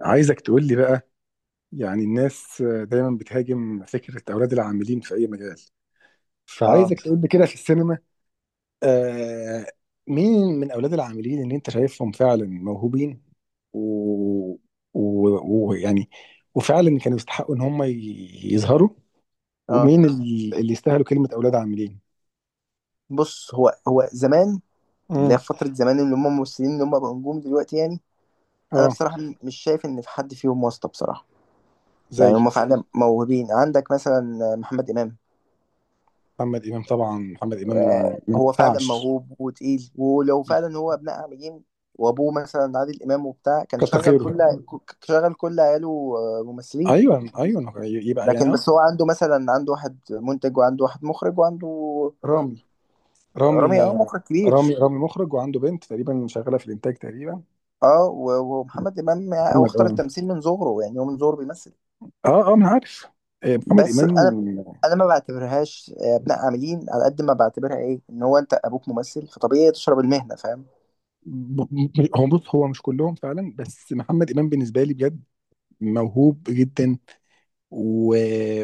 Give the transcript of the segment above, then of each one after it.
عايزك تقول لي بقى، يعني الناس دايما بتهاجم فكرة أولاد العاملين في أي مجال. اه فعايزك تقول لي كده في السينما. آه، مين من أولاد العاملين اللي أنت شايفهم فعلا موهوبين و... و... ويعني وفعلا كانوا يستحقوا إن هم يظهروا، اه، ومين اللي يستاهلوا كلمة أولاد عاملين. بص. هو زمان، اللي امم هي فترة زمان، اللي هم ممثلين اللي هم بقوا نجوم دلوقتي يعني. أنا اه. بصراحة مش شايف إن في حد فيهم واسطة بصراحة. يعني زي هم فعلا موهوبين. عندك مثلا محمد إمام، محمد إمام. طبعا محمد إمام ما هو فعلا ينفعش، موهوب وتقيل، ولو فعلا هو ابناء عاملين وأبوه مثلا عادل إمام وبتاع، كان كتر خيره. شغل كل عياله، آه، ممثلين. ايوه ايوه، يبقى يعني لكن اه. بس هو عنده مثلا، عنده واحد منتج وعنده واحد مخرج وعنده رامي. رامي رامي، آه، مخرج رامي كبير. رامي مخرج وعنده بنت تقريبا شغاله في الانتاج تقريبا. اه و- ومحمد امام يعني هو محمد اختار اه. التمثيل من صغره، يعني هو من صغره بيمثل. اه اه، ما أنا عارف. آه، محمد بس امام. انا ما بعتبرهاش ابناء عاملين على قد ما بعتبرها ايه، ان هو انت ابوك ممثل فطبيعي تشرب المهنه، فاهم. هو بص، هو مش كلهم فعلا، بس محمد امام بالنسبه لي بجد موهوب جدا. و...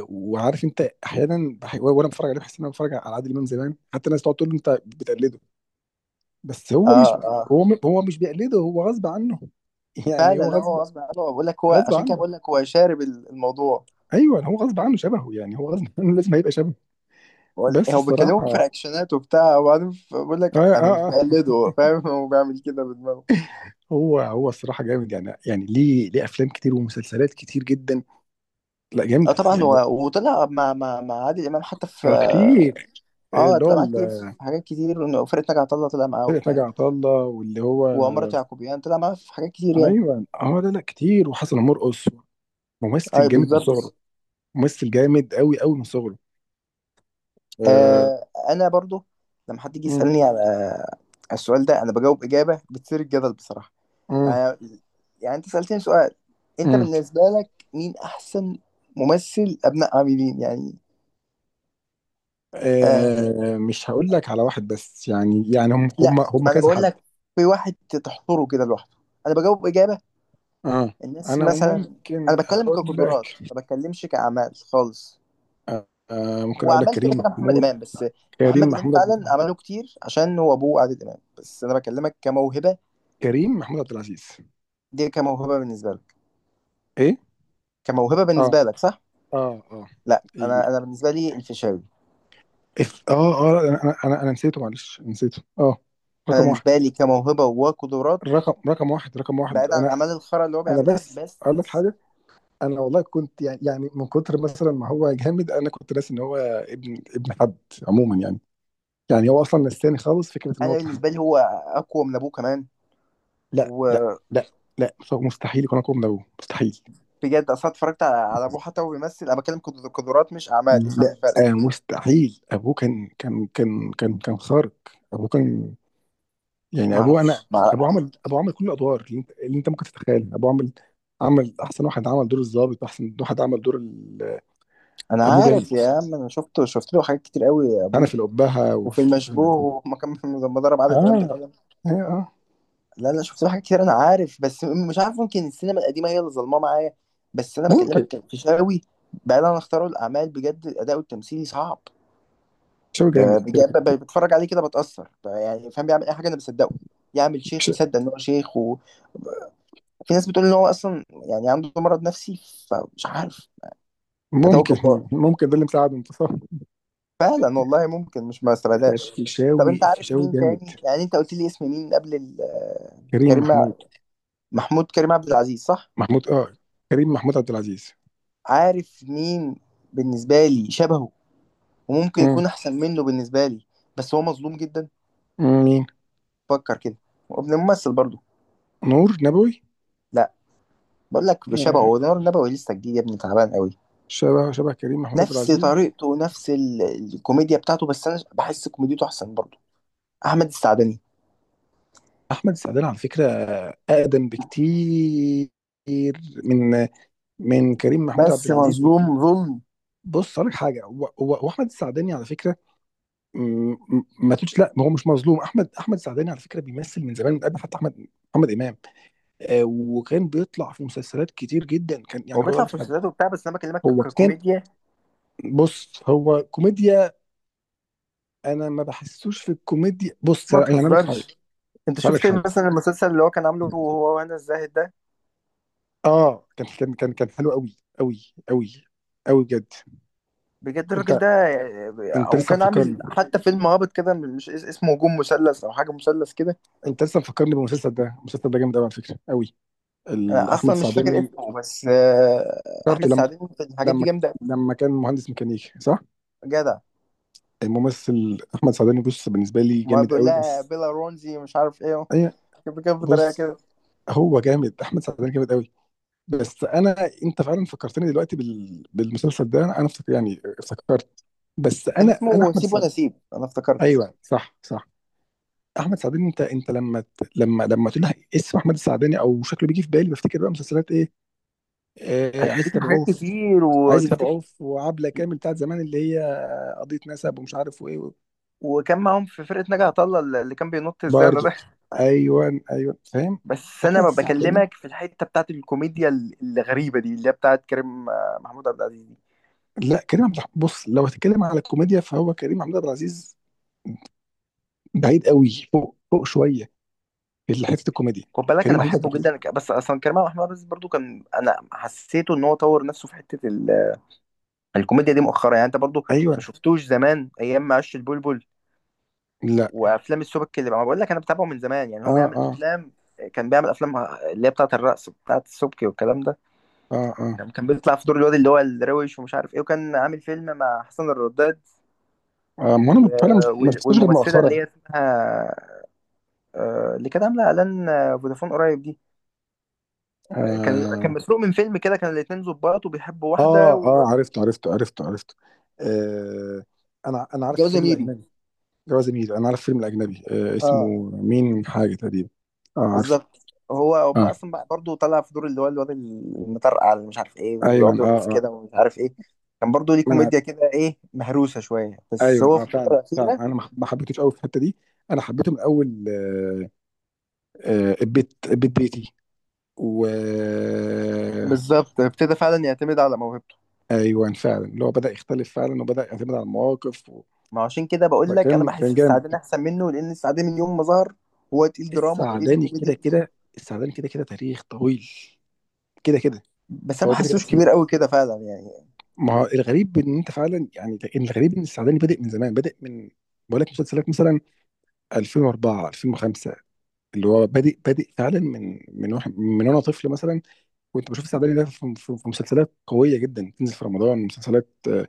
وعارف انت، احيانا وانا بتفرج عليه بحس ان انا بتفرج على عادل امام زمان. حتى الناس تقعد تقول له انت بتقلده، بس هو اه مش، اه، هو مش بيقلده، هو غصب عنه. يعني فعلا، هو لا غصب. هو غصب عنه. بقول لك هو غصب عشان كده، عنه. بقول لك هو شارب ال- الموضوع. ايوه هو غصب عنه شبهه، يعني هو غصب عنه لازم هيبقى شبهه. هو بس هو الصراحه بيكلمه في اه. رياكشنات وبتاع، وبعدين بقول لك اه انا مش اه. بقلده هو، فاهم. هو بيعمل كده بدماغه. هو هو الصراحه جامد، يعني يعني ليه افلام كتير ومسلسلات كتير جدا، لا اه جامده طبعا، يعني هو وطلع مع عادل امام حتى في، آه، كتير. اللي طلع معاه كتير في حاجات كتير، وفرقة ناجي عطا الله طلع معاه فرقة ناجي وبتاع، عطا الله واللي هو. وعمارة يعقوبيان طلع معاه في حاجات كتير يعني. ايوه اه، لا لا كتير، وحسن مرقص ممثل اي جامد من صغره. بالظبط. ممثل جامد قوي قوي من صغره. آه. انا برضو لما حد يجي مم، يسألني على السؤال ده، انا بجاوب اجابة بتثير الجدل بصراحة. مم، يعني يعني انت سألتني سؤال، انت مم. بالنسبة لك مين احسن ممثل ابناء عاملين يعني. آه، آه. مش هقول لك على واحد بس، يعني يعني هم هم لا، هم انا كذا بقول حد. لك في واحد تحصره كده لوحده. انا بجاوب اجابة، اه. الناس انا مثلا، ممكن انا بتكلم اقول كقدرات، لك. ما بتكلمش كاعمال خالص. آه، ممكن هو اقول لك اعمال كده كريم كده محمد محمود. امام بس. كريم محمد امام محمود عبد فعلا عمله العزيز. كتير عشان هو ابوه عادل امام، بس انا بكلمك كموهبه. كريم محمود عبد العزيز. دي كموهبه بالنسبه لك، ايه. كموهبه اه بالنسبه لك، صح؟ اه اه. لا، إيه. انا، بالنسبه لي الفيشاوي. اف اه اه لا، انا نسيته، معلش نسيته اه. انا رقم واحد. بالنسبه لي كموهبه وقدرات، رقم واحد، رقم واحد. بعيد عن انا الاعمال الخرا اللي هو انا بيعملها، بس بس اقول لك حاجه. انا والله كنت يعني يعني من كتر مثلا ما هو جامد، انا كنت ناسي ان هو ابن حد عموما يعني. يعني هو اصلا نساني خالص فكره ان هو انا ابن حد. بالنسبه لي هو اقوى من ابوه كمان، لا لا وبجد. لا. لا، فهو مستحيل يكون اقوى من ابوه، مستحيل. اصلا اتفرجت على ابوه حتى وهو بيمثل. انا بتكلم قدرات مش اعمال، افهم لا الفرق. آه، مستحيل. ابوه كان خارق. ابوه كان، يعني ما ابوه انا. اعرفش، ابوه عمل كل الادوار اللي انت, اللي انت ممكن تتخيلها. ابوه عمل، عمل احسن واحد عمل دور الضابط، واحسن واحد عمل دور انا ابوه جامد. عارف يا عم، انا شفته، شفت له حاجات كتير قوي يا انا في ابوه، الابهه وفي وفي. المشبوه وما كان لما ضرب اه عادل امام بالقلم. اه آه. لا لا، شفت له حاجات كتير انا عارف، بس مش عارف ممكن السينما القديمه هي اللي ظلماه معايا. بس انا ممكن. بكلمك في شاوي، بعيد عن اختياره الاعمال، بجد الاداء التمثيلي صعب. شاوي جامد كده بجد، كده. بتفرج عليه كده بتاثر، يعني فاهم، بيعمل اي حاجه انا بصدقه، يعمل شيخ ش- مصدق ان هو شيخ. وفي ناس بتقول ان هو اصلا يعني عنده مرض نفسي، فمش عارف. اداؤه ممكن. جبار ممكن ده اللي مساعد انتصار. فعلا والله، ممكن، مش ما استبعدهاش. طب الفيشاوي، انت عارف الفيشاوي مين جامد. تاني؟ يعني انت قلت لي اسم مين قبل كريم كريم محمود. محمود، كريم عبد العزيز صح؟ محمود اه. كريم محمود عبد العزيز. عارف مين؟ بالنسبه لي شبهه، وممكن مم. يكون احسن منه بالنسبه لي، بس هو مظلوم جدا. مين. فكر كده، وابن ممثل برضه. نور نبوي. لا، بقول لك بشبهه، آه. هو نور النبوي لسه جديد يا ابني، تعبان قوي. شبه شبه كريم محمود عبد نفس العزيز. طريقته ونفس ال- الكوميديا بتاعته، بس انا بحس كوميديته احسن برضه. احمد السعدني احمد السعدان على فكره اقدم بكتير من، من كريم محمود عبد بس العزيز. مظلوم ظلم. بص اقول لك حاجه، هو احمد السعداني على فكره. ما تقولش لا، ما هو مش مظلوم. احمد السعداني على فكره بيمثل من زمان، من قبل حتى احمد محمد امام. آه، وكان بيطلع في مسلسلات كتير جدا. كان هو يعني هو. بيطلع في مسلسلاته وبتاع، بس انا بكلمك هو كان. ككوميديا. بص هو كوميديا، انا ما بحسوش في الكوميديا. بص ما يعني اقول لك حاجه. تهزرش، انت اقول لك شفت حاجه، مثلا المسلسل اللي هو كان عامله هو وهنا الزاهد ده؟ اه كان حلو قوي قوي. قوي. قوي بجد. بجد انت. الراجل ده. انت او لسه كان عامل مفكرني. حتى فيلم هابط كده، مش اسمه هجوم مثلث او حاجه مثلث كده. انت لسه مفكرني بالمسلسل ده. المسلسل ده جامد قوي على فكره، قوي. انا احمد اصلا مش فاكر سعداني. اسمه، بس افتكرته احمد لما. سعدين في الحاجات دي لما. جامده أوي. لما كان مهندس ميكانيكي، صح. جدع، الممثل احمد سعداني بص بالنسبه لي ما جامد بيقول قوي، لها بس. بيلا رونزي مش عارف ايه، اي. بكده بطريقه بص، كده. هو جامد احمد سعداني جامد قوي. بس انا، انت فعلا فكرتني دلوقتي بالمسلسل ده. انا افتكر يعني افتكرت. بس كان انا اسمه احمد سيب ولا السعداني. سيب، انا افتكرت. ايوه صح صح. احمد سعداني، انت لما لما، لما تقول لي اسم احمد السعداني او شكله، بيجي في بالي بفتكر بقى مسلسلات ايه. آه، عايز هتفتكر حاجات تبعوه كتير عايز وتفتكر. تبعوه في وعبله كامل بتاعت زمان، اللي هي قضيه نسب ومش عارف وايه. وكان معاهم في فرقه ناجي عطا الله، اللي كان بينط الزانه برضه. ده. ايوه ايوه، فاهم. بس احمد انا السعداني. بكلمك في الحته بتاعت الكوميديا ال- الغريبه دي، اللي هي بتاعت كريم، محمود عبد العزيز دي. لا كريم عبد الحميد. بص لو هتتكلم على الكوميديا فهو كريم عبد العزيز بعيد قوي، فوق فوق شويه في حته الكوميديا. خد بالك انا كريم عبد بحبه العزيز. جدا، بس اصلا كريم محمود عبد العزيز برضو، كان انا حسيته ان هو طور نفسه في حته ال- الكوميديا دي مؤخرا، يعني انت برضو ما ايوه. شفتوش زمان ايام ما عش البلبل، لا. وافلام السبك اللي بقى-. ما بقول لك انا بتابعه من زمان، يعني هو اه بيعمل اه افلام، كان بيعمل افلام اللي هي بتاعت الرقص، بتاعت السبكي والكلام ده اه اه. يعني. كان بيطلع في دور الواد اللي هو الروش، ومش عارف ايه، وكان عامل فيلم مع حسن الرداد آه، آه، ما انا فعلا و- ما وال- شفتوش غير والممثله اللي مؤخرا. هي اسمها، اللي كانت عامله اعلان، فودافون قريب دي. كان اه مسروق من فيلم كده، كان الاتنين ظباط وبيحبوا واحده، اه. اه عرفته عرفته. آه. انا عارف وجوازه الفيلم ميري. الاجنبي. جواز ميل انا عارف فيلم الاجنبي آه، اسمه اه مين حاجه تقريبا. اه عارفه. بالظبط. هو هم اه. اصلا بقى، برضه طلع في دور اللي هو الواد المطرقع اللي مش عارف ايه ايوه ويقعد يرقص اه اه. كده ومش عارف ايه. كان برضه ليه ما انا. كوميديا كده، ايه، مهروسه شويه، بس هو ايوه اه، في الفتره فعلا فعلا، الاخيره انا ما حبيتوش قوي في الحته دي. انا حبيته من اول آه. آه، البيت بيتي. و. بالظبط ابتدى فعلا يعتمد على موهبته. ايوه فعلا، اللي هو بدا يختلف فعلا وبدا يعتمد على المواقف ما عشان كده بقول لك انا كان كان بحس جامد. السعدين احسن منه، لان السعدين من يوم ما ظهر هو تقيل دراما، تقيل السعداني كده كوميديا. كده. السعداني كده كده تاريخ طويل. كده كده. بس انا فهو ما كده كده. حسوش كبير قوي كده فعلا يعني. ما هو الغريب ان انت فعلا، يعني إن الغريب ان السعداني بادئ من زمان، بادئ من، بقول لك مسلسلات مثلا 2004، 2005، اللي هو بادئ بادئ فعلا من، من واحد من، وانا طفل مثلا كنت بشوف السعداني ده في, في, في مسلسلات قويه جدا تنزل في رمضان. مسلسلات آه،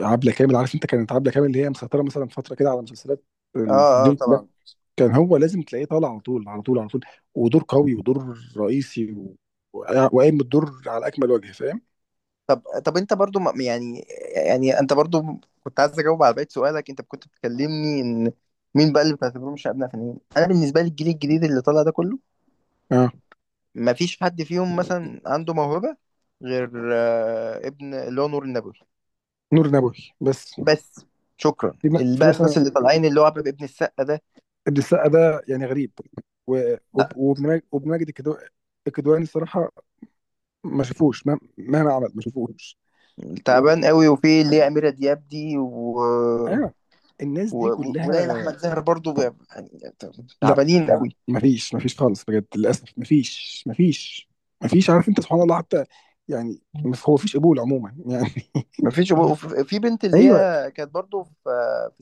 عبله كامل، عارف انت، كانت عبله كامل اللي هي مسيطره مثلا فتره كده على مسلسلات اه اه التلفزيون كلها. طبعا. كان هو لازم تلاقيه طالع على طول على طول على طول، ودور قوي ودور رئيسي وقايم بالدور على اكمل وجه، فاهم. طب، انت برضو يعني، انت برضو كنت عايز اجاوب على بقية سؤالك، انت كنت بتكلمني ان مين بقى اللي بتعتبرهم شباب نافعين. انا بالنسبه لي الجيل الجديد اللي طالع ده كله، اه. ما فيش حد فيهم مثلا عنده موهبه غير، ابن اللي هو نور النبوي نور نبوي بس. بس. شكرا، في اللي في بقى الناس مثلا اللي طالعين اللي هو عبد ابن السقا ده، ابن السقا ده يعني غريب، وابن ماجد، الكدواني الصراحه ما شافوش، مهما عمل ما شافوش. تعبان و... قوي، وفي اللي هي أميرة دياب دي ايوه. الناس و... دي كلها. وليلى احمد زاهر برضو، يعني لا، تعبانين ما قوي. ما فيش، ما فيش خالص، بجد للاسف ما فيش، ما فيش. ما فيش، عارف انت سبحان الله حتى. يعني هو فيش قبول عموما يعني. ما فيش. في بنت اللي ايوه. هي كانت برضو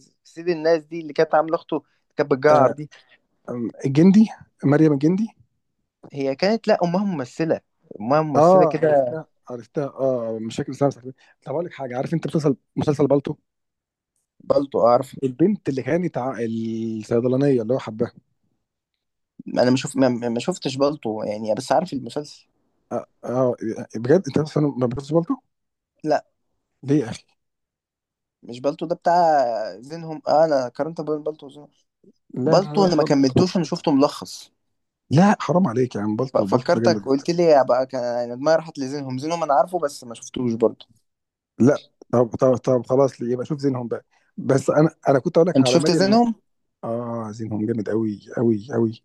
في سيد الناس دي اللي كانت عامله اخته، كانت بتجعر آه. دي. الجندي. مريم الجندي. هي كانت، لا، امها ممثله، اه كده. عرفتها عرفتها. اه، مشاكل سامسونج. طب اقول لك حاجه عارف انت، مسلسل، مسلسل بالطو. بالطو، اعرف. البنت اللي كانت الصيدلانيه اللي هو حباها. انا ما شوف، ما شفتش بالطو يعني، بس عارف المسلسل. اه آه، بجد انت اصلا ما بتلبس بالطو؟ لا ليه يا اخي؟ مش بالطو ده بتاع زينهم، آه انا قارنت بين بالطو وزينهم. لا لا بالطو لا، انا ما بالطو. كملتوش، انا شفته ملخص. لا حرام عليك يا عم، بالطو، بالطو ده فكرتك جامد. قلت لي يا بقى، كان يعني دماغي راحت لزينهم. زينهم انا عارفه بس ما شفتوش برضو. لا. طب خلاص ليه، يبقى شوف زينهم بقى. بس انا كنت اقول لك انت على شفت مريم. زينهم؟ اه زينهم جامد قوي قوي قوي.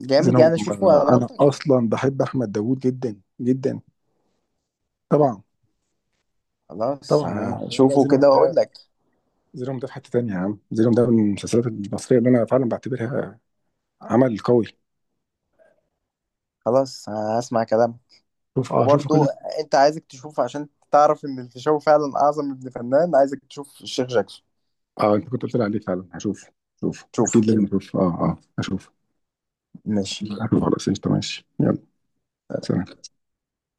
جامد يعني؟ زينهم اشوفه على آه، انا ضمانتك؟ اصلا بحب احمد داوود جدا جدا. طبعا. خلاص، طبعا يا عم، لا لا، شوفه زينهم كده واقول ده، لك. زينهم ده في حته تانيه يا عم. زينهم ده من المسلسلات المصريه اللي انا فعلا بعتبرها عمل قوي. خلاص هسمع كلامه. شوف، اه شوف وبرضو كده. انت، عايزك تشوف عشان تعرف ان الفيشاوي فعلا اعظم ابن فنان، عايزك تشوف الشيخ جاكسون. اه انت كنت قلت لي عليه فعلا، هشوف. شوف شوفه. اكيد لازم اشوف، اه اه هشوف. ماشي. هشوف خلاص، قشطة، ماشي يلا. سلام.